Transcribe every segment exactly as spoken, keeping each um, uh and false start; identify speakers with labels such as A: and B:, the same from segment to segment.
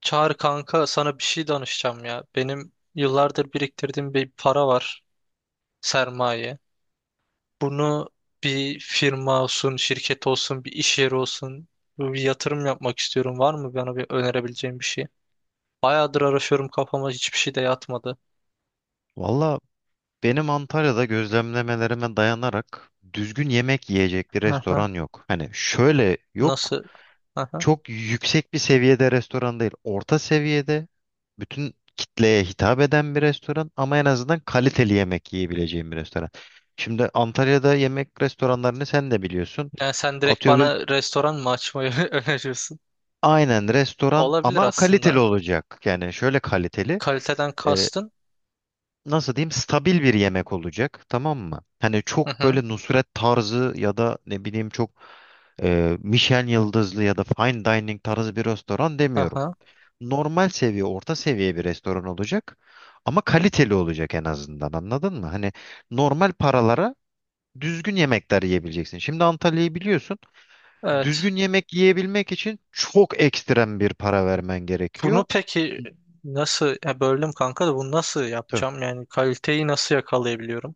A: Çağır kanka sana bir şey danışacağım ya. Benim yıllardır biriktirdiğim bir para var, sermaye. Bunu bir firma olsun, şirket olsun, bir iş yeri olsun bir yatırım yapmak istiyorum. Var mı bana bir önerebileceğin bir şey? Bayağıdır araşıyorum, kafama hiçbir şey de yatmadı.
B: Valla benim Antalya'da gözlemlemelerime dayanarak düzgün yemek yiyecek bir
A: Hı hı.
B: restoran yok. Hani şöyle yok.
A: Nasıl? Hı hı.
B: Çok yüksek bir seviyede restoran değil. Orta seviyede bütün kitleye hitap eden bir restoran ama en azından kaliteli yemek yiyebileceğim bir restoran. Şimdi Antalya'da yemek restoranlarını sen de biliyorsun.
A: Yani sen direkt
B: Atıyorum bir-
A: bana restoran mı açmayı öneriyorsun?
B: aynen restoran
A: Olabilir
B: ama kaliteli
A: aslında.
B: olacak. Yani şöyle kaliteli.
A: Kaliteden kastın.
B: Nasıl diyeyim, stabil bir yemek olacak, tamam mı? Hani
A: Hı
B: çok
A: hı.
B: böyle Nusret tarzı ya da ne bileyim çok e, Michelin yıldızlı ya da fine dining tarzı bir restoran
A: Hı
B: demiyorum.
A: hı.
B: Normal seviye, orta seviye bir restoran olacak ama kaliteli olacak en azından, anladın mı? Hani normal paralara düzgün yemekler yiyebileceksin. Şimdi Antalya'yı biliyorsun.
A: Evet.
B: Düzgün yemek yiyebilmek için çok ekstrem bir para vermen gerekiyor.
A: Bunu peki nasıl, ya böldüm kanka, da bunu nasıl
B: Tabii.
A: yapacağım? Yani kaliteyi nasıl yakalayabiliyorum?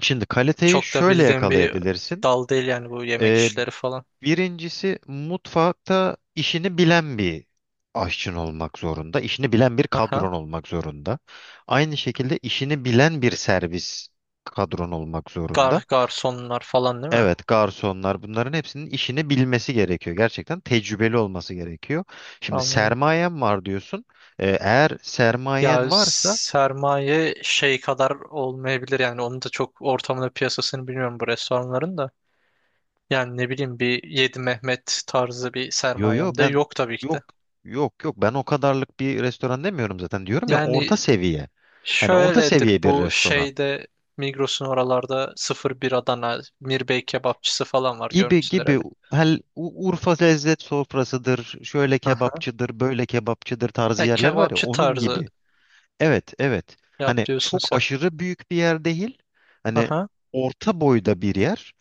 B: Şimdi kaliteyi
A: Çok da
B: şöyle
A: bildiğim bir
B: yakalayabilirsin.
A: dal değil yani, bu yemek işleri falan.
B: Birincisi, mutfakta işini bilen bir aşçın olmak zorunda. İşini bilen bir
A: Aha.
B: kadron olmak zorunda. Aynı şekilde işini bilen bir servis kadron olmak zorunda.
A: Gar garsonlar falan değil mi?
B: Evet, garsonlar, bunların hepsinin işini bilmesi gerekiyor. Gerçekten tecrübeli olması gerekiyor. Şimdi
A: Anladım.
B: sermayen var diyorsun. Ee, eğer
A: Ya
B: sermayen varsa
A: sermaye şey kadar olmayabilir yani, onu da çok, ortamını, piyasasını bilmiyorum bu restoranların da. Yani ne bileyim, bir Yedi Mehmet tarzı bir
B: yo yo
A: sermayem de
B: ben
A: yok tabii ki de.
B: yok, yok yok ben o kadarlık bir restoran demiyorum zaten. Diyorum ya,
A: Yani
B: orta seviye. Hani orta
A: şöyledir
B: seviye bir
A: bu
B: restoran.
A: şeyde, Migros'un oralarda sıfır bir Adana Mirbey kebapçısı falan var,
B: Gibi
A: görmüşsündür,
B: gibi,
A: evet.
B: hel U- Urfa lezzet sofrasıdır, şöyle
A: Aha.
B: kebapçıdır, böyle kebapçıdır tarzı
A: Ha,
B: yerler var ya,
A: kebapçı
B: onun
A: tarzı
B: gibi. Evet, evet.
A: yap
B: Hani
A: diyorsun
B: çok
A: sen.
B: aşırı büyük bir yer değil. Hani
A: Aha.
B: orta boyda bir yer.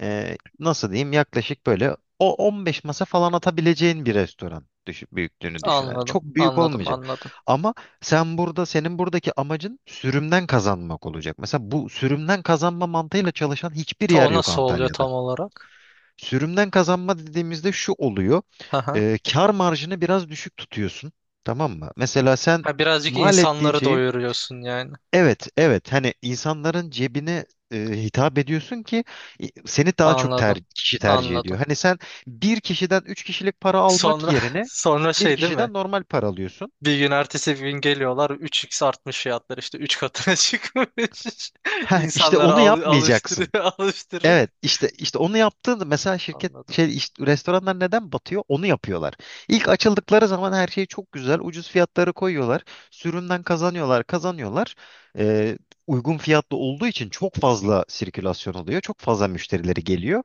B: Ee, nasıl diyeyim? Yaklaşık böyle o on beş masa falan atabileceğin bir restoran düşün, büyüklüğünü düşün. Yani
A: Anladım,
B: çok büyük
A: anladım,
B: olmayacak.
A: anladım.
B: Ama sen burada, senin buradaki amacın sürümden kazanmak olacak. Mesela bu sürümden kazanma mantığıyla çalışan hiçbir
A: Ta
B: yer
A: o
B: yok
A: nasıl oluyor
B: Antalya'da.
A: tam olarak?
B: Sürümden kazanma dediğimizde şu oluyor.
A: Aha.
B: E, kar marjını biraz düşük tutuyorsun. Tamam mı? Mesela sen
A: Ha, birazcık
B: mal ettiğin
A: insanları
B: şeyi,
A: doyuruyorsun yani.
B: evet evet, hani insanların cebine e, hitap ediyorsun ki e, seni daha çok
A: Anladım,
B: ter, kişi tercih ediyor.
A: anladım.
B: Hani sen bir kişiden üç kişilik para almak
A: Sonra
B: yerine
A: sonra
B: bir
A: şey değil mi?
B: kişiden normal para alıyorsun.
A: Bir gün ertesi gün geliyorlar, üç x artmış fiyatlar, işte üç katına çıkmış.
B: Heh, işte
A: İnsanları
B: onu
A: al
B: yapmayacaksın.
A: alıştırıyor, alıştırır.
B: Evet, işte işte onu yaptığında mesela şirket
A: Anladım.
B: şey işte, restoranlar neden batıyor? Onu yapıyorlar. İlk açıldıkları zaman her şey çok güzel. Ucuz fiyatları koyuyorlar. Sürümden kazanıyorlar, kazanıyorlar. Ee, uygun fiyatlı olduğu için çok fazla sirkülasyon oluyor. Çok fazla müşterileri geliyor.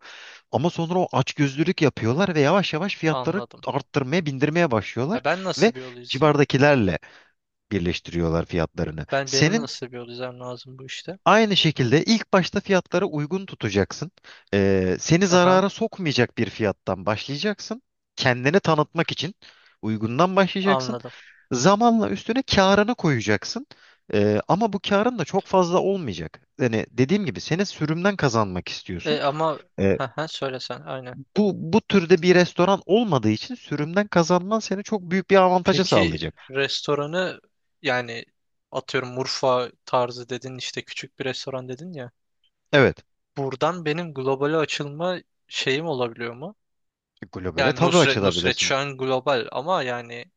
B: Ama sonra o açgözlülük yapıyorlar ve yavaş yavaş fiyatları
A: Anladım.
B: arttırmaya, bindirmeye başlıyorlar
A: Ya ben
B: ve
A: nasıl bir yol izleyeyim?
B: civardakilerle birleştiriyorlar fiyatlarını.
A: Ben benim
B: Senin
A: nasıl bir yol izlemem lazım bu işte?
B: Aynı şekilde ilk başta fiyatlara uygun tutacaksın. Ee, seni
A: Aha,
B: zarara sokmayacak bir fiyattan başlayacaksın. Kendini tanıtmak için uygundan başlayacaksın.
A: anladım.
B: Zamanla üstüne karını koyacaksın. Ee, ama bu karın da çok fazla olmayacak. Yani dediğim gibi seni sürümden kazanmak istiyorsun.
A: E ama
B: Ee,
A: ha söyle sen, aynen.
B: bu bu türde bir restoran olmadığı için sürümden kazanman seni çok büyük bir avantaja
A: Peki
B: sağlayacak.
A: restoranı, yani atıyorum Urfa tarzı dedin, işte küçük bir restoran dedin ya.
B: Evet,
A: Buradan benim globale açılma şeyim olabiliyor mu?
B: globale
A: Yani
B: tabii
A: Nusret Nusret
B: açılabilirsin.
A: şu an global ama yani,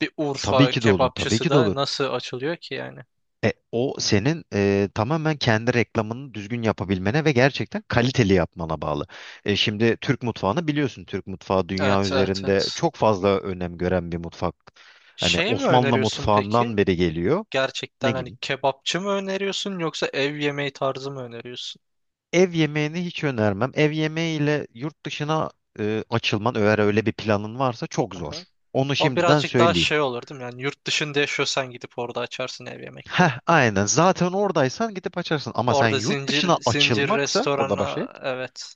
A: bir
B: Tabii
A: Urfa
B: ki de olur, tabii
A: kebapçısı
B: ki de
A: da
B: olur.
A: nasıl açılıyor ki yani?
B: E, o senin e, tamamen kendi reklamını düzgün yapabilmene ve gerçekten kaliteli yapmana bağlı. E, şimdi Türk mutfağını biliyorsun. Türk mutfağı dünya
A: Evet, evet,
B: üzerinde
A: evet.
B: çok fazla önem gören bir mutfak. Hani
A: Şey mi
B: Osmanlı
A: öneriyorsun
B: mutfağından
A: peki?
B: beri geliyor. Ne
A: Gerçekten hani
B: gibi?
A: kebapçı mı öneriyorsun, yoksa ev yemeği tarzı mı öneriyorsun?
B: Ev yemeğini hiç önermem. Ev yemeğiyle yurt dışına e, açılman, eğer öyle bir planın varsa, çok zor.
A: Aha.
B: Onu
A: O
B: şimdiden
A: birazcık daha
B: söyleyeyim.
A: şey olur değil mi? Yani yurt dışında yaşıyorsan gidip orada açarsın ev yemekleri.
B: Heh, aynen. Zaten oradaysan gidip açarsın. Ama sen
A: Orada
B: yurt dışına
A: zincir zincir
B: açılmaksa burada başlayıp.
A: restorana, evet.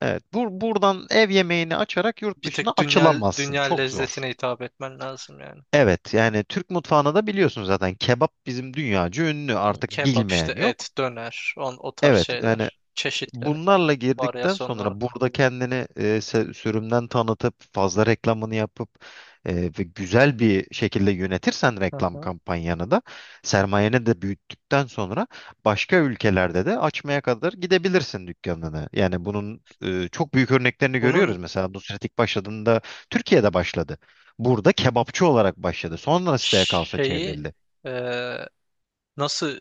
B: Evet, bu buradan ev yemeğini açarak yurt
A: Bir
B: dışına
A: tek dünya
B: açılamazsın.
A: dünya
B: Çok zor.
A: lezzetine hitap etmen lazım yani.
B: Evet, yani Türk mutfağını da biliyorsun zaten. Kebap bizim dünyaca ünlü. Artık
A: Kebap işte,
B: bilmeyen
A: et,
B: yok.
A: döner, on o tarz
B: Evet, yani
A: şeyler, çeşitleri,
B: bunlarla girdikten
A: varyasyonları.
B: sonra burada kendini e, se- sürümden tanıtıp fazla reklamını yapıp e, ve güzel bir şekilde yönetirsen reklam
A: Aha.
B: kampanyanı da sermayeni de büyüttükten sonra başka ülkelerde de açmaya kadar gidebilirsin dükkanını. Yani bunun e, çok büyük örneklerini görüyoruz.
A: Bunun
B: Mesela Nusret ilk başladığında Türkiye'de başladı. Burada kebapçı olarak başladı. Sonra siteye kaosa
A: şeyi,
B: çevrildi.
A: e, nasıl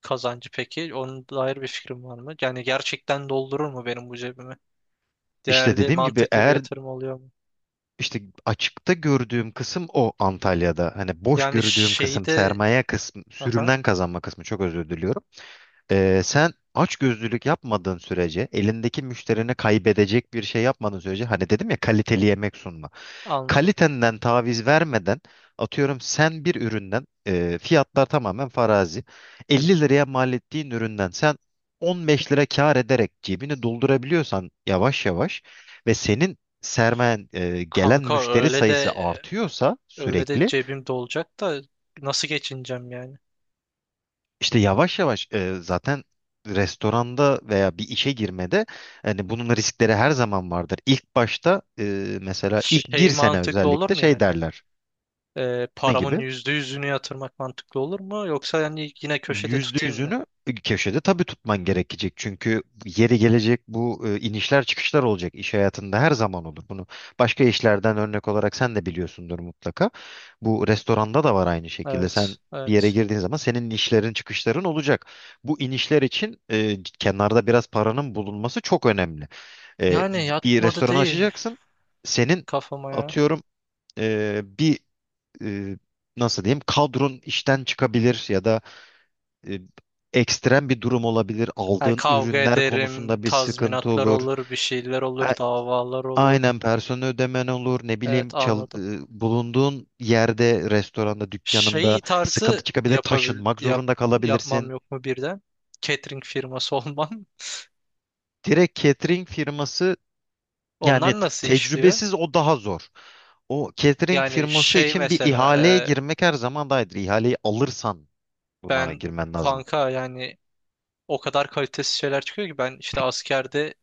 A: kazancı peki? Onun dair bir fikrim var mı? Yani gerçekten doldurur mu benim bu cebimi?
B: İşte
A: Değerli,
B: dediğim gibi
A: mantıklı bir
B: eğer
A: yatırım oluyor mu?
B: İşte açıkta gördüğüm kısım o, Antalya'da. Hani boş
A: Yani
B: gördüğüm
A: şeyi
B: kısım
A: de,
B: sermaye kısmı,
A: aha,
B: sürümden kazanma kısmı, çok özür diliyorum. Ee, sen açgözlülük yapmadığın sürece, elindeki müşterini kaybedecek bir şey yapmadığın sürece, hani dedim ya, kaliteli yemek sunmak,
A: anladım.
B: kalitenden taviz vermeden, atıyorum sen bir üründen, e, fiyatlar tamamen farazi, elli liraya mal ettiğin üründen sen on beş lira kar ederek cebini doldurabiliyorsan yavaş yavaş, ve senin sermayen, e, gelen
A: Kanka
B: müşteri
A: öyle
B: sayısı
A: de,
B: artıyorsa
A: öyle de
B: sürekli,
A: cebim dolacak da nasıl geçineceğim yani?
B: işte yavaş yavaş, e, zaten restoranda veya bir işe girmede hani bunun riskleri her zaman vardır. İlk başta, e, mesela ilk bir
A: Şey
B: sene
A: mantıklı olur
B: özellikle
A: mu
B: şey
A: yani?
B: derler.
A: Ee,
B: Ne
A: paramın
B: gibi?
A: yüzde yüzünü yatırmak mantıklı olur mu? Yoksa yani yine köşede
B: Yüzde
A: tutayım mı?
B: yüzünü köşede tabii tutman gerekecek. Çünkü yeri gelecek, bu e, inişler çıkışlar olacak. İş hayatında her zaman olur. Bunu başka işlerden örnek olarak sen de biliyorsundur mutlaka. Bu restoranda da var aynı şekilde.
A: Evet,
B: Sen bir yere
A: evet.
B: girdiğin zaman senin inişlerin çıkışların olacak. Bu inişler için, e, kenarda biraz paranın bulunması çok önemli. E,
A: Yani
B: bir
A: yatmadı
B: restoran
A: değil
B: açacaksın. Senin
A: kafama ya.
B: atıyorum e, bir e, nasıl diyeyim, kadron işten çıkabilir ya da e, ekstrem bir durum olabilir.
A: Yani
B: Aldığın
A: kavga
B: ürünler
A: ederim,
B: konusunda bir sıkıntı
A: tazminatlar
B: olur.
A: olur, bir şeyler olur,
B: A-
A: davalar olur.
B: Aynen, personel ödemen olur. Ne
A: Evet,
B: bileyim,
A: anladım.
B: çal- e, bulunduğun yerde, restoranda, dükkanında
A: Şey
B: sıkıntı
A: tarzı
B: çıkabilir.
A: yapabil
B: Taşınmak
A: yap
B: zorunda
A: yapmam
B: kalabilirsin.
A: yok mu birden? Catering firması olmam.
B: Direkt catering firması yani,
A: Onlar
B: t-
A: nasıl işliyor?
B: tecrübesiz, o daha zor. O catering
A: Yani
B: firması
A: şey
B: için bir
A: mesela,
B: ihaleye
A: e,
B: girmek her zaman daha iyidir. İhaleyi alırsan buna
A: ben
B: girmen lazım.
A: kanka yani, o kadar kalitesiz şeyler çıkıyor ki, ben işte askerde,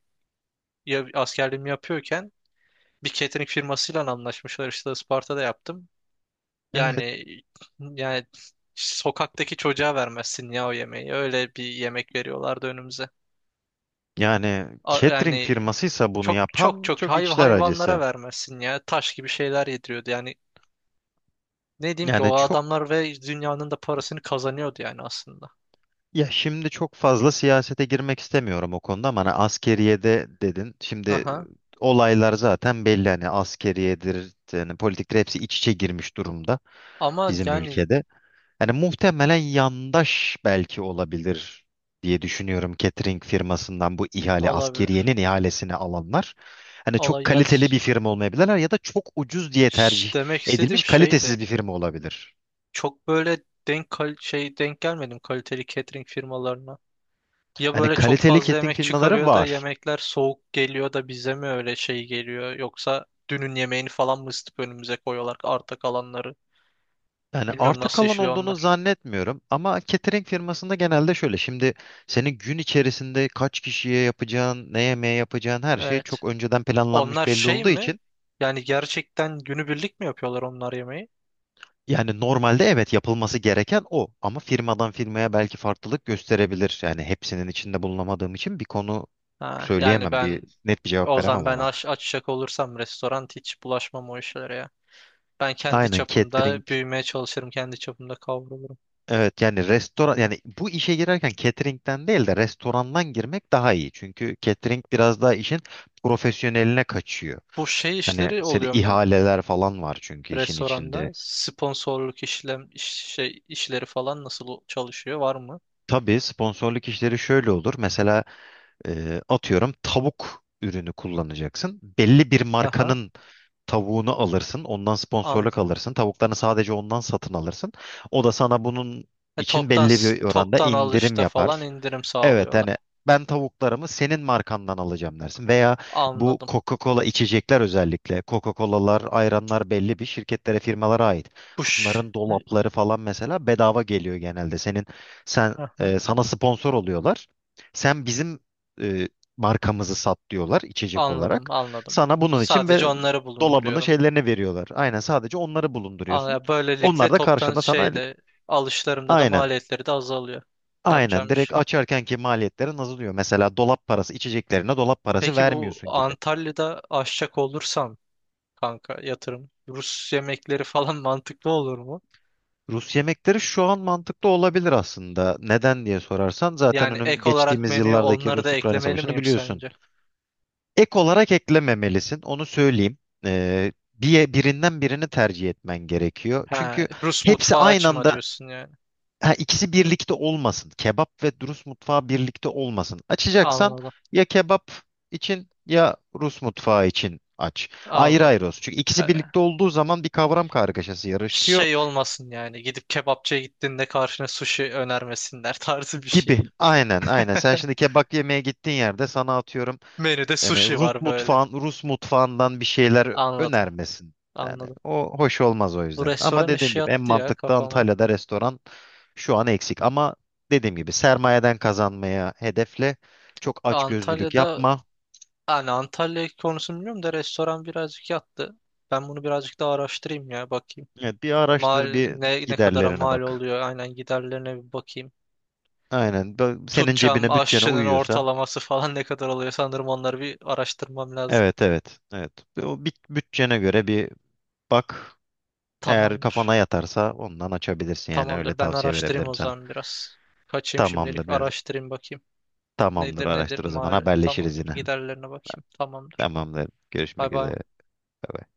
A: ya, askerliğimi yapıyorken bir catering firmasıyla anlaşmışlar, işte Isparta'da yaptım.
B: Evet.
A: Yani yani sokaktaki çocuğa vermezsin ya o yemeği. Öyle bir yemek veriyorlardı önümüze.
B: Yani
A: A-
B: catering
A: Yani
B: firmasıysa bunu
A: çok, çok,
B: yapan,
A: çok,
B: çok
A: hay
B: içler
A: hayvanlara
B: acısı.
A: vermezsin ya. Taş gibi şeyler yediriyordu. Yani ne diyeyim ki, o
B: Yani çok
A: adamlar ve dünyanın da parasını kazanıyordu yani aslında.
B: ya şimdi çok fazla siyasete girmek istemiyorum o konuda, ama hani askeriyede dedin. Şimdi
A: Aha.
B: olaylar zaten belli, hani askeriyedir, yani politiktir, hepsi iç içe girmiş durumda
A: Ama
B: bizim
A: yani
B: ülkede. Hani muhtemelen yandaş belki olabilir diye düşünüyorum, catering firmasından bu ihale
A: olabilir.
B: askeriyenin ihalesini alanlar. Hani çok
A: Olay ya,
B: kaliteli bir firma olmayabilirler ya da çok ucuz diye tercih
A: şş, demek
B: edilmiş
A: istediğim şeydi.
B: kalitesiz bir firma olabilir.
A: Çok böyle denk kal- şey denk gelmedim kaliteli catering firmalarına. Ya
B: Hani
A: böyle çok
B: kaliteli
A: fazla
B: catering
A: yemek
B: firmaları
A: çıkarıyor da
B: var.
A: yemekler soğuk geliyor da bize mi öyle şey geliyor? Yoksa dünün yemeğini falan mı ısıtıp önümüze koyuyorlar, arta kalanları?
B: Yani
A: Bilmiyorum
B: arta
A: nasıl
B: kalan
A: işliyor
B: olduğunu
A: onlar.
B: zannetmiyorum ama catering firmasında genelde şöyle, şimdi senin gün içerisinde kaç kişiye yapacağın, ne yemeğe yapacağın her şey
A: Evet.
B: çok önceden
A: Onlar
B: planlanmış belli
A: şey
B: olduğu
A: mi?
B: için,
A: Yani gerçekten günübirlik mi yapıyorlar onlar yemeği?
B: yani normalde evet yapılması gereken o, ama firmadan firmaya belki farklılık gösterebilir. Yani hepsinin içinde bulunamadığım için bir konu
A: Ha, yani
B: söyleyemem, bir
A: ben
B: net bir cevap
A: o zaman,
B: veremem
A: ben
B: ona.
A: aç, açacak olursam restoran, hiç bulaşmam o işlere ya. Ben kendi
B: Aynen catering
A: çapımda büyümeye çalışırım, kendi çapımda kavrulurum.
B: Evet yani restoran, yani bu işe girerken catering'den değil de restorandan girmek daha iyi. Çünkü catering biraz daha işin profesyoneline kaçıyor.
A: Bu şey
B: Hani
A: işleri
B: seni,
A: oluyor mu?
B: ihaleler falan var çünkü işin
A: Restoranda
B: içinde.
A: sponsorluk işlem iş- şey işleri falan nasıl o- çalışıyor, var mı?
B: Tabii, sponsorluk işleri şöyle olur. Mesela e, atıyorum tavuk ürünü kullanacaksın. Belli bir
A: Aha.
B: markanın tavuğunu alırsın. Ondan
A: an
B: sponsorluk alırsın. Tavuklarını sadece ondan satın alırsın. O da sana bunun
A: E,
B: için
A: toptan,
B: belli
A: s-
B: bir oranda
A: toptan
B: indirim
A: alışta falan
B: yapar.
A: indirim
B: Evet,
A: sağlıyorlar.
B: hani ben tavuklarımı senin markandan alacağım dersin. Veya bu
A: Anladım.
B: Coca-Cola içecekler özellikle. Coca-Colalar, ayranlar belli bir şirketlere, firmalara ait.
A: Push.
B: Bunların dolapları falan mesela bedava geliyor genelde. Senin sen
A: Aha.
B: e, sana sponsor oluyorlar. Sen bizim e, markamızı sat diyorlar, içecek
A: Anladım,
B: olarak.
A: anladım.
B: Sana bunun için be,
A: Sadece onları
B: dolabını,
A: bulunduruyorum.
B: şeylerini veriyorlar. Aynen, sadece onları bulunduruyorsun.
A: Anla- Böylelikle
B: Onlar da
A: toptan
B: karşında sana
A: şeyde, alışlarımda da
B: aynen
A: maliyetleri de azalıyor.
B: Aynen,
A: Yapacağım iş.
B: direkt açarkenki maliyetlerin azalıyor. Mesela dolap parası, içeceklerine dolap parası
A: Peki bu
B: vermiyorsun gibi.
A: Antalya'da aşçak olursam kanka yatırım, Rus yemekleri falan mantıklı olur?
B: Rus yemekleri şu an mantıklı olabilir aslında. Neden diye sorarsan, zaten
A: Yani
B: önüm
A: ek olarak
B: geçtiğimiz
A: menüye
B: yıllardaki
A: onları da
B: Rus-Ukrayna
A: eklemeli
B: savaşını
A: miyim
B: biliyorsun.
A: sence?
B: Ek olarak eklememelisin, onu söyleyeyim. Ee, bir, birinden birini tercih etmen gerekiyor.
A: Ha,
B: Çünkü
A: Rus
B: hepsi
A: mutfağı
B: aynı
A: açma
B: anda.
A: diyorsun yani.
B: Ha, ikisi birlikte olmasın. Kebap ve Rus mutfağı birlikte olmasın. Açacaksan
A: Anladım.
B: ya kebap için ya Rus mutfağı için aç. Ayrı
A: Anladım.
B: ayrı olsun. Çünkü ikisi
A: Ha,
B: birlikte olduğu zaman bir kavram kargaşası yarıştıyor
A: şey olmasın yani, gidip kebapçıya gittiğinde karşına sushi önermesinler tarzı bir şey.
B: gibi. Aynen, aynen. Sen şimdi kebap yemeye gittiğin yerde sana atıyorum
A: Menüde
B: Yani
A: sushi
B: Rus
A: var böyle.
B: mutfağın, Rus mutfağından bir şeyler
A: Anladım.
B: önermesin. Yani
A: Anladım.
B: o hoş olmaz o
A: Bu
B: yüzden. Ama
A: restoran
B: dediğim
A: işi
B: gibi en
A: yattı ya
B: mantıklı
A: kafama.
B: Antalya'da restoran şu an eksik. Ama dediğim gibi sermayeden kazanmaya hedefle. Çok açgözlülük
A: Antalya'da,
B: yapma.
A: yani Antalya konusunu bilmiyorum da, restoran birazcık yattı. Ben bunu birazcık daha araştırayım ya, bakayım.
B: Evet, bir araştır,
A: Mal
B: bir
A: ne ne kadara
B: giderlerine
A: mal
B: bak.
A: oluyor, aynen, giderlerine bir bakayım.
B: Aynen. Bö- Senin
A: Tutacağım
B: cebine, bütçene
A: aşçının
B: uyuyorsa.
A: ortalaması falan ne kadar oluyor, sanırım onları bir araştırmam lazım.
B: Evet, evet, evet. O bit- bütçene göre bir bak. Eğer
A: Tamamdır.
B: kafana yatarsa ondan açabilirsin, yani öyle
A: Tamamdır. Ben
B: tavsiye
A: araştırayım
B: verebilirim
A: o
B: sana.
A: zaman biraz. Kaçayım şimdilik.
B: Tamamdır.
A: Araştırayım, bakayım.
B: Tamamdır,
A: Nedir, nedir?
B: araştır o zaman,
A: Mal
B: haberleşiriz
A: tamamdır.
B: yine.
A: Giderlerine bakayım. Tamamdır.
B: Tamamdır.
A: Bay
B: Görüşmek
A: bay.
B: üzere. Bay bay.